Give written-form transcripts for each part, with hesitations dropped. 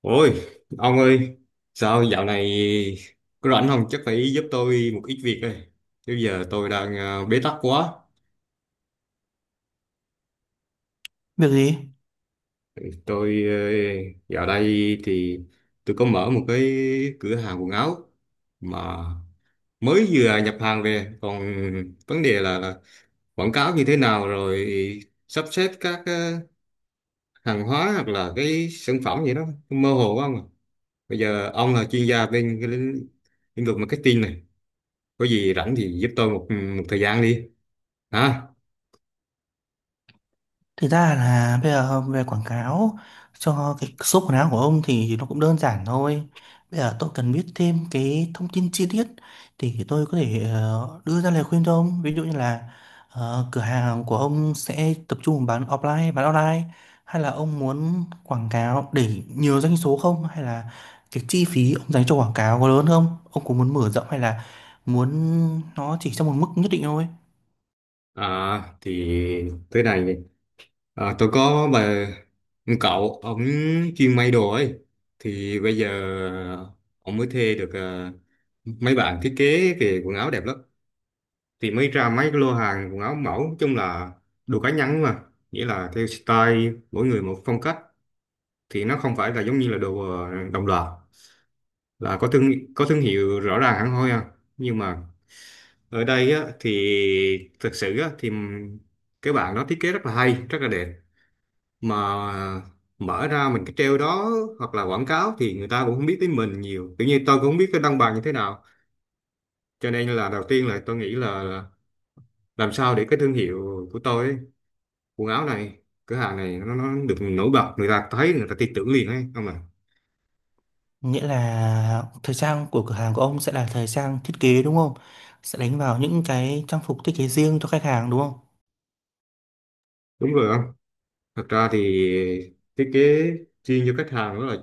Ôi, ông ơi, sao dạo này có rảnh không? Chắc phải giúp tôi một ít việc đây. Chứ giờ tôi đang bế tắc quá. Việc gì? Ừ, tôi dạo đây thì tôi có mở một cái cửa hàng quần áo mà mới vừa nhập hàng về. Còn vấn đề là quảng cáo như thế nào, rồi sắp xếp các hàng hóa hoặc là cái sản phẩm gì đó mơ hồ quá không à. Bây giờ ông là chuyên gia bên cái lĩnh lĩnh vực marketing này, có gì rảnh thì giúp tôi một thời gian đi hả. Thực ra là bây giờ về quảng cáo cho cái số quần áo của ông thì nó cũng đơn giản thôi. Bây giờ tôi cần biết thêm cái thông tin chi tiết thì tôi có thể đưa ra lời khuyên cho ông. Ví dụ như là cửa hàng của ông sẽ tập trung bán offline, bán online hay là ông muốn quảng cáo để nhiều doanh số không, hay là cái chi phí ông dành cho quảng cáo có lớn không? Ông có muốn mở rộng hay là muốn nó chỉ trong một mức nhất định thôi? À, thì tới này, à, tôi có bà một cậu ông chuyên may đồ ấy, thì bây giờ ông mới thuê được, à, mấy bạn thiết kế về quần áo đẹp lắm, thì mới ra mấy cái lô hàng quần áo mẫu. Nói chung là đồ cá nhân mà, nghĩa là theo style mỗi người một phong cách, thì nó không phải là giống như là đồ đồng loạt, là có thương hiệu rõ ràng hẳn hoi à. Nhưng mà ở đây á, thì thực sự á, thì cái bạn nó thiết kế rất là hay rất là đẹp, mà mở ra mình cái treo đó hoặc là quảng cáo thì người ta cũng không biết tới mình nhiều. Tự nhiên tôi cũng không biết cái đăng bài như thế nào, cho nên là đầu tiên là tôi nghĩ là làm sao để cái thương hiệu của tôi ấy, quần áo này, cửa hàng này, nó được nổi bật, người ta thấy, người ta tin tưởng liền ấy không à. Nghĩa là thời trang của cửa hàng của ông sẽ là thời trang thiết kế đúng không? Sẽ đánh vào những cái trang phục thiết kế riêng cho khách hàng đúng không? Đúng rồi không, thật ra thì thiết kế chuyên cho khách hàng đó là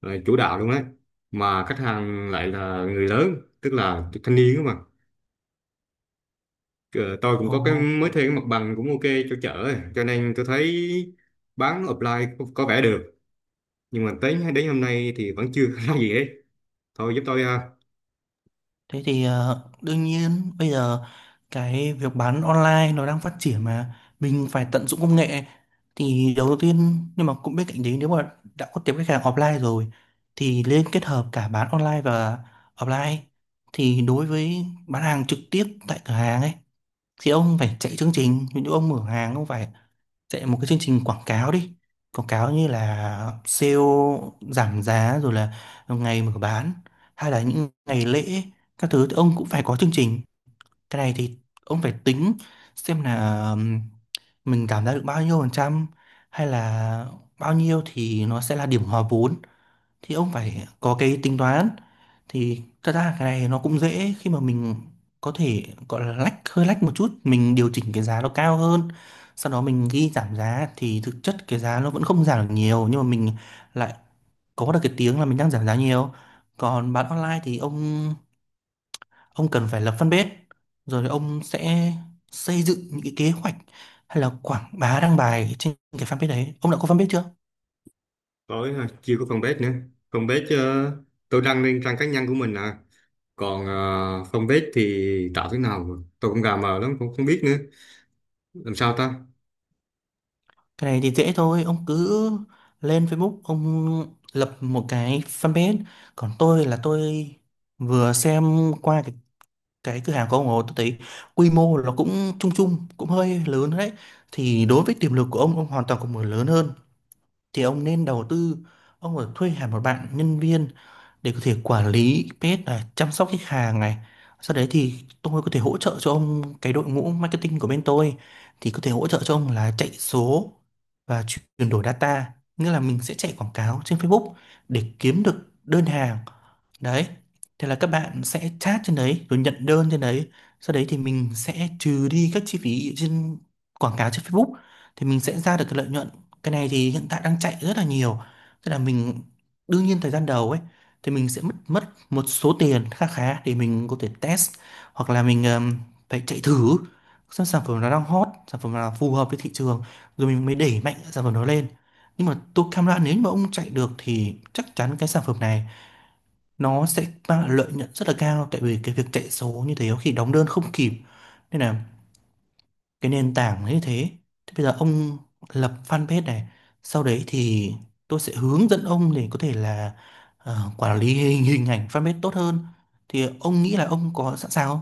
ờ, chủ đạo luôn đấy, mà khách hàng lại là người lớn, tức là thanh niên đó mà. Ờ, tôi cũng Ồ, có cái mới thuê cái mặt bằng cũng ok cho chợ ấy. Cho nên tôi thấy bán offline có vẻ được, nhưng mà tới đến hôm nay thì vẫn chưa ra gì hết. Thôi giúp tôi ha. thế thì đương nhiên bây giờ cái việc bán online nó đang phát triển mà mình phải tận dụng công nghệ thì đầu tiên, nhưng mà cũng bên cạnh đấy, nếu mà đã có tiếp khách hàng offline rồi thì nên kết hợp cả bán online và offline. Thì đối với bán hàng trực tiếp tại cửa hàng ấy, thì ông phải chạy chương trình, ví dụ ông mở hàng ông phải chạy một cái chương trình quảng cáo đi, quảng cáo như là sale giảm giá, rồi là ngày mở bán hay là những ngày lễ các thứ thì ông cũng phải có chương trình. Cái này thì ông phải tính xem là mình giảm giá được bao nhiêu phần trăm, hay là bao nhiêu thì nó sẽ là điểm hòa vốn, thì ông phải có cái tính toán. Thì thật ra cái này nó cũng dễ, khi mà mình có thể gọi là lách, hơi lách một chút, mình điều chỉnh cái giá nó cao hơn, sau đó mình ghi giảm giá, thì thực chất cái giá nó vẫn không giảm được nhiều, nhưng mà mình lại có được cái tiếng là mình đang giảm giá nhiều. Còn bán online thì ông cần phải lập fanpage, rồi thì ông sẽ xây dựng những cái kế hoạch hay là quảng bá đăng bài trên cái fanpage đấy. Ông đã có fanpage chưa? Tôi ha, chưa có fanpage nữa. Fanpage tôi đăng lên trang cá nhân của mình à, còn fanpage thì tạo thế nào mà tôi cũng gà mờ lắm cũng không biết nữa, làm sao ta. Cái này thì dễ thôi, ông cứ lên Facebook, ông lập một cái fanpage. Còn tôi là tôi vừa xem qua cái cửa hàng của ông rồi, tôi thấy quy mô nó cũng chung chung, cũng hơi lớn đấy. Thì đối với tiềm lực của ông hoàn toàn có một lớn hơn. Thì ông nên đầu tư, ông phải thuê hẳn một bạn nhân viên để có thể quản lý page này, chăm sóc khách hàng này. Sau đấy thì tôi có thể hỗ trợ cho ông, cái đội ngũ marketing của bên tôi thì có thể hỗ trợ cho ông là chạy số và chuyển đổi data, nghĩa là mình sẽ chạy quảng cáo trên Facebook để kiếm được đơn hàng. Đấy. Thế là các bạn sẽ chat trên đấy rồi nhận đơn trên đấy. Sau đấy thì mình sẽ trừ đi các chi phí trên quảng cáo trên Facebook, thì mình sẽ ra được cái lợi nhuận. Cái này thì hiện tại đang chạy rất là nhiều. Tức là mình đương nhiên thời gian đầu ấy thì mình sẽ mất mất một số tiền khá khá để mình có thể test, hoặc là mình phải chạy thử xem sản phẩm nó đang hot, sản phẩm nào phù hợp với thị trường, rồi mình mới đẩy mạnh sản phẩm đó lên. Nhưng mà tôi cam đoan, nếu mà ông chạy được thì chắc chắn cái sản phẩm này nó sẽ mang lại lợi nhuận rất là cao, tại vì cái việc chạy số như thế có khi đóng đơn không kịp. Nên là cái nền tảng như thế, thì bây giờ ông lập fanpage này, sau đấy thì tôi sẽ hướng dẫn ông để có thể là quản lý hình ảnh fanpage tốt hơn. Thì ông nghĩ là ông có sẵn sàng không?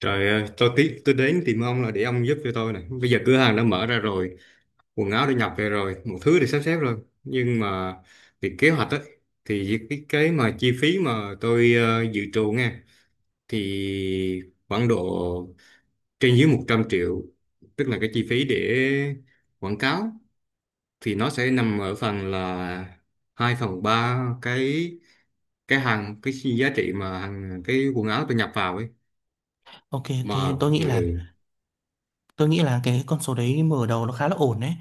Trời ơi, tôi tí tôi đến tìm ông là để ông giúp cho tôi này, bây giờ cửa hàng đã mở ra rồi, quần áo đã nhập về rồi, một thứ để sắp xếp rồi, nhưng mà việc kế hoạch ấy, thì cái mà chi phí mà tôi dự trù nghe, thì khoảng độ trên dưới 100 triệu, tức là cái chi phí để quảng cáo thì nó sẽ nằm ở phần là 2/3 cái hàng cái giá trị mà hàng cái quần áo tôi nhập vào ấy Ok, ok, mà. tôi Ừ, nghĩ là ừ. Cái con số đấy mở đầu nó khá là ổn đấy,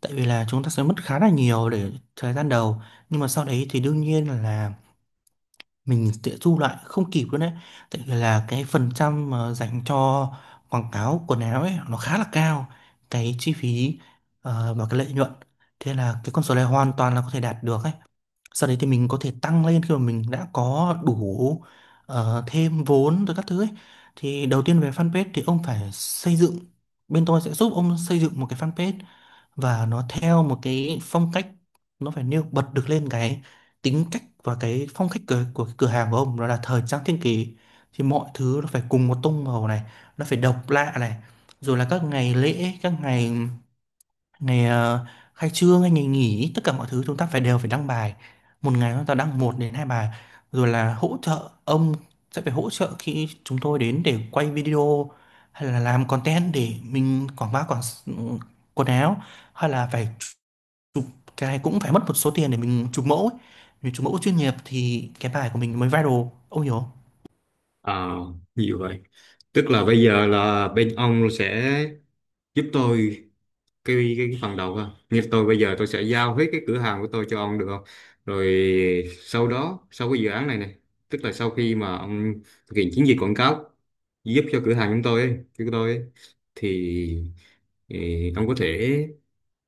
tại vì là chúng ta sẽ mất khá là nhiều để thời gian đầu, nhưng mà sau đấy thì đương nhiên là mình sẽ thu lại không kịp luôn đấy, tại vì là cái phần trăm mà dành cho quảng cáo quần áo ấy nó khá là cao, cái chi phí và cái lợi nhuận. Thế là cái con số này hoàn toàn là có thể đạt được ấy, sau đấy thì mình có thể tăng lên khi mà mình đã có đủ thêm vốn rồi các thứ ấy. Thì đầu tiên về fanpage thì ông phải xây dựng, bên tôi sẽ giúp ông xây dựng một cái fanpage và nó theo một cái phong cách, nó phải nêu bật được lên cái tính cách và cái phong cách của cái cửa hàng của ông, đó là thời trang thiên kỳ. Thì mọi thứ nó phải cùng một tông màu này, nó phải độc lạ này, rồi là các ngày lễ, các ngày, ngày khai trương hay ngày nghỉ, tất cả mọi thứ chúng ta phải đều phải đăng bài, một ngày chúng ta đăng một đến hai bài, rồi là hỗ trợ ông, sẽ phải hỗ trợ khi chúng tôi đến để quay video hay là làm content để mình quảng bá, quần áo, hay là phải chụp. Cái này cũng phải mất một số tiền để mình chụp mẫu ấy. Vì chụp mẫu chuyên nghiệp thì cái bài của mình mới viral. Ông hiểu không? À, nhiều vậy. Tức là bây giờ là bên ông sẽ giúp tôi cái phần đầu ha. Như tôi bây giờ tôi sẽ giao hết cái cửa hàng của tôi cho ông được không? Rồi sau đó sau cái dự án này này, tức là sau khi mà ông thực hiện chiến dịch quảng cáo giúp cho cửa hàng chúng tôi ấy, của tôi ấy, thì ì, ông có thể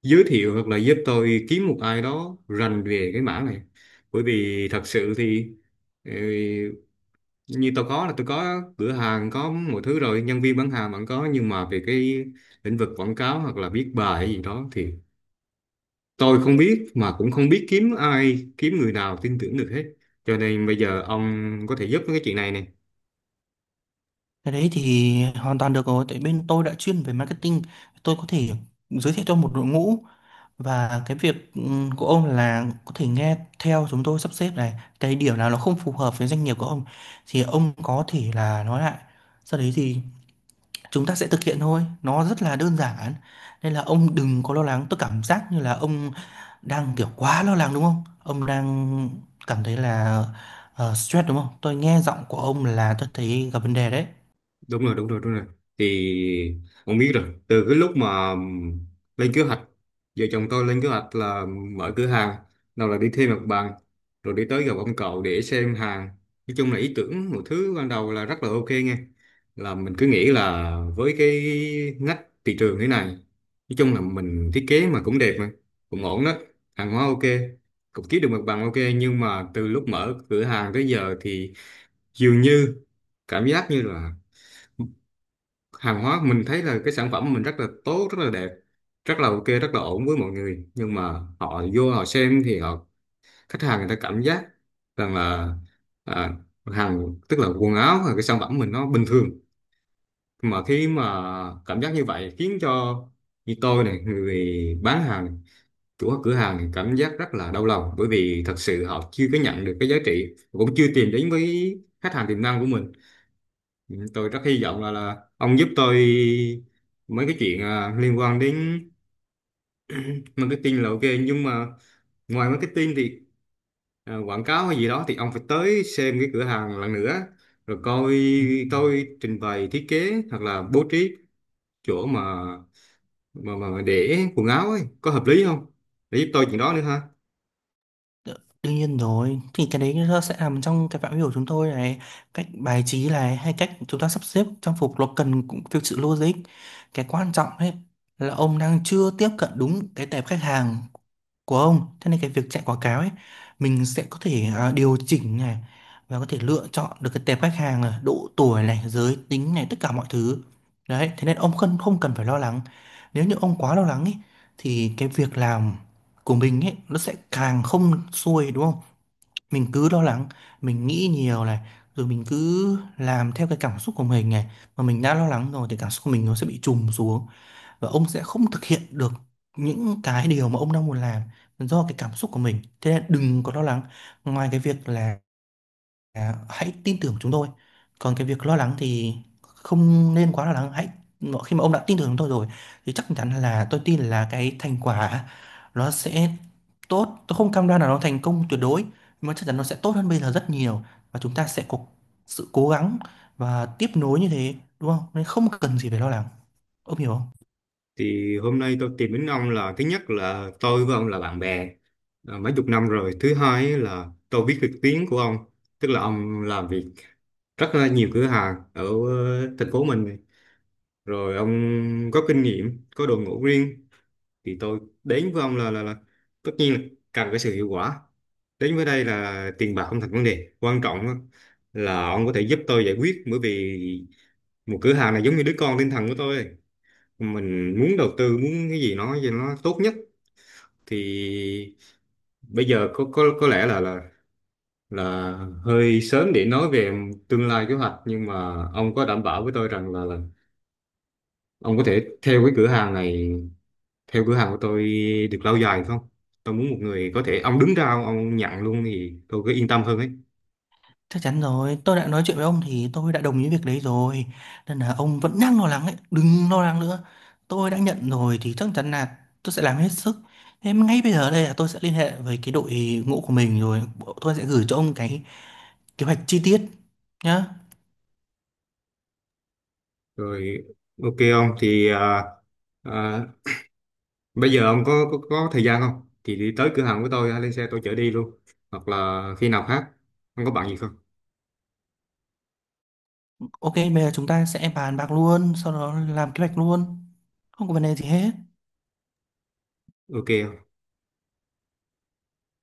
giới thiệu hoặc là giúp tôi kiếm một ai đó rành về cái mảng này. Bởi vì thật sự thì ừ, như tôi có là tôi có cửa hàng có mọi thứ rồi, nhân viên bán hàng vẫn có, nhưng mà về cái lĩnh vực quảng cáo hoặc là viết bài hay gì đó thì tôi không biết, mà cũng không biết kiếm ai, kiếm người nào tin tưởng được hết. Cho nên bây giờ ông có thể giúp với cái chuyện này nè. Cái đấy thì hoàn toàn được rồi, tại bên tôi đã chuyên về marketing, tôi có thể giới thiệu cho một đội ngũ. Và cái việc của ông là có thể nghe theo chúng tôi sắp xếp này, cái điểm nào nó không phù hợp với doanh nghiệp của ông thì ông có thể là nói lại, sau đấy thì chúng ta sẽ thực hiện thôi, nó rất là đơn giản. Nên là ông đừng có lo lắng, tôi cảm giác như là ông đang kiểu quá lo lắng đúng không, ông đang cảm thấy là stress đúng không? Tôi nghe giọng của ông là tôi thấy gặp vấn đề đấy. Đúng rồi, đúng rồi, đúng rồi. Thì ông biết rồi, từ cái lúc mà lên kế hoạch, vợ chồng tôi lên kế hoạch là mở cửa hàng, nào là đi thuê mặt bằng, rồi đi tới gặp ông cậu để xem hàng. Nói chung là ý tưởng một thứ ban đầu là rất là ok nghe, là mình cứ nghĩ là với cái ngách thị trường thế này, nói chung là mình thiết kế mà cũng đẹp mà cũng ổn đó, hàng hóa ok, cũng kiếm được mặt bằng ok. Nhưng mà từ lúc mở cửa hàng tới giờ thì dường như cảm giác như là hàng hóa mình thấy là cái sản phẩm mình rất là tốt, rất là đẹp, rất là ok, rất là ổn với mọi người, nhưng mà họ vô họ xem thì họ, khách hàng người ta cảm giác rằng là à, hàng tức là quần áo hay cái sản phẩm mình nó bình thường. Mà khi mà cảm giác như vậy khiến cho như tôi này, người bán hàng này, chủ cửa hàng này, cảm giác rất là đau lòng, bởi vì thật sự họ chưa có nhận được cái giá trị, cũng chưa tìm đến với khách hàng tiềm năng của mình. Ừ, tôi rất hy vọng là ông giúp tôi mấy cái chuyện liên quan đến marketing là ok, nhưng mà ngoài marketing thì quảng cáo hay gì đó thì ông phải tới xem cái cửa hàng lần nữa, rồi coi Ừ. tôi trình bày thiết kế hoặc là bố trí chỗ mà để quần áo ấy có hợp lý không, để giúp tôi chuyện đó nữa ha. Đ- Đương nhiên rồi, thì cái đấy nó sẽ nằm trong cái phạm vi của chúng tôi này, cách bài trí này hay cách chúng ta sắp xếp trang phục nó cần cũng theo sự logic. Cái quan trọng ấy là ông đang chưa tiếp cận đúng cái tệp khách hàng của ông. Thế nên cái việc chạy quảng cáo ấy, mình sẽ có thể điều chỉnh này, và có thể lựa chọn được cái tệp khách hàng là độ tuổi này, giới tính này, tất cả mọi thứ đấy. Thế nên ông không không cần phải lo lắng. Nếu như ông quá lo lắng ấy thì cái việc làm của mình ấy nó sẽ càng không xuôi đúng không. Mình cứ lo lắng, mình nghĩ nhiều này, rồi mình cứ làm theo cái cảm xúc của mình này, mà mình đã lo lắng rồi thì cảm xúc của mình nó sẽ bị trùng xuống, và ông sẽ không thực hiện được những cái điều mà ông đang muốn làm do cái cảm xúc của mình. Thế nên đừng có lo lắng, ngoài cái việc là hãy tin tưởng chúng tôi, còn cái việc lo lắng thì không nên quá lo lắng. Hãy khi mà ông đã tin tưởng chúng tôi rồi thì chắc chắn là tôi tin là cái thành quả nó sẽ tốt, tôi không cam đoan là nó thành công tuyệt đối nhưng mà chắc chắn nó sẽ tốt hơn bây giờ rất nhiều, và chúng ta sẽ có sự cố gắng và tiếp nối như thế đúng không, nên không cần gì phải lo lắng. Ông hiểu không? Thì hôm nay tôi tìm đến ông là thứ nhất là tôi với ông là bạn bè à, mấy chục năm rồi. Thứ hai ấy là tôi biết được tiếng của ông, tức là ông làm việc rất là nhiều cửa hàng ở thành phố mình này. Rồi ông có kinh nghiệm, có đội ngũ riêng, thì tôi đến với ông là tất nhiên là cần cái sự hiệu quả. Đến với đây là tiền bạc không thành vấn đề, quan trọng á là ông có thể giúp tôi giải quyết, bởi vì một cửa hàng này giống như đứa con tinh thần của tôi, mình muốn đầu tư muốn cái gì nó cho nó tốt nhất. Thì bây giờ có lẽ là hơi sớm để nói về tương lai kế hoạch, nhưng mà ông có đảm bảo với tôi rằng là ông có thể theo cái cửa hàng này, theo cửa hàng của tôi được lâu dài không? Tôi muốn một người có thể ông đứng ra ông nhận luôn thì tôi cứ yên tâm hơn ấy. Chắc chắn rồi, tôi đã nói chuyện với ông thì tôi đã đồng ý việc đấy rồi. Nên là ông vẫn đang lo lắng ấy, đừng lo lắng nữa. Tôi đã nhận rồi thì chắc chắn là tôi sẽ làm hết sức. Thế mà ngay bây giờ đây là tôi sẽ liên hệ với cái đội ngũ của mình, rồi tôi sẽ gửi cho ông cái kế hoạch chi tiết nhá. Rồi ok ông thì à, bây giờ ông có thời gian không? Thì đi tới cửa hàng của tôi, lên xe tôi chở đi luôn. Hoặc là khi nào khác, ông có bạn gì không? Ok, bây giờ chúng ta sẽ bàn bạc luôn, sau đó làm kế hoạch luôn. Không có vấn đề gì hết. Ok.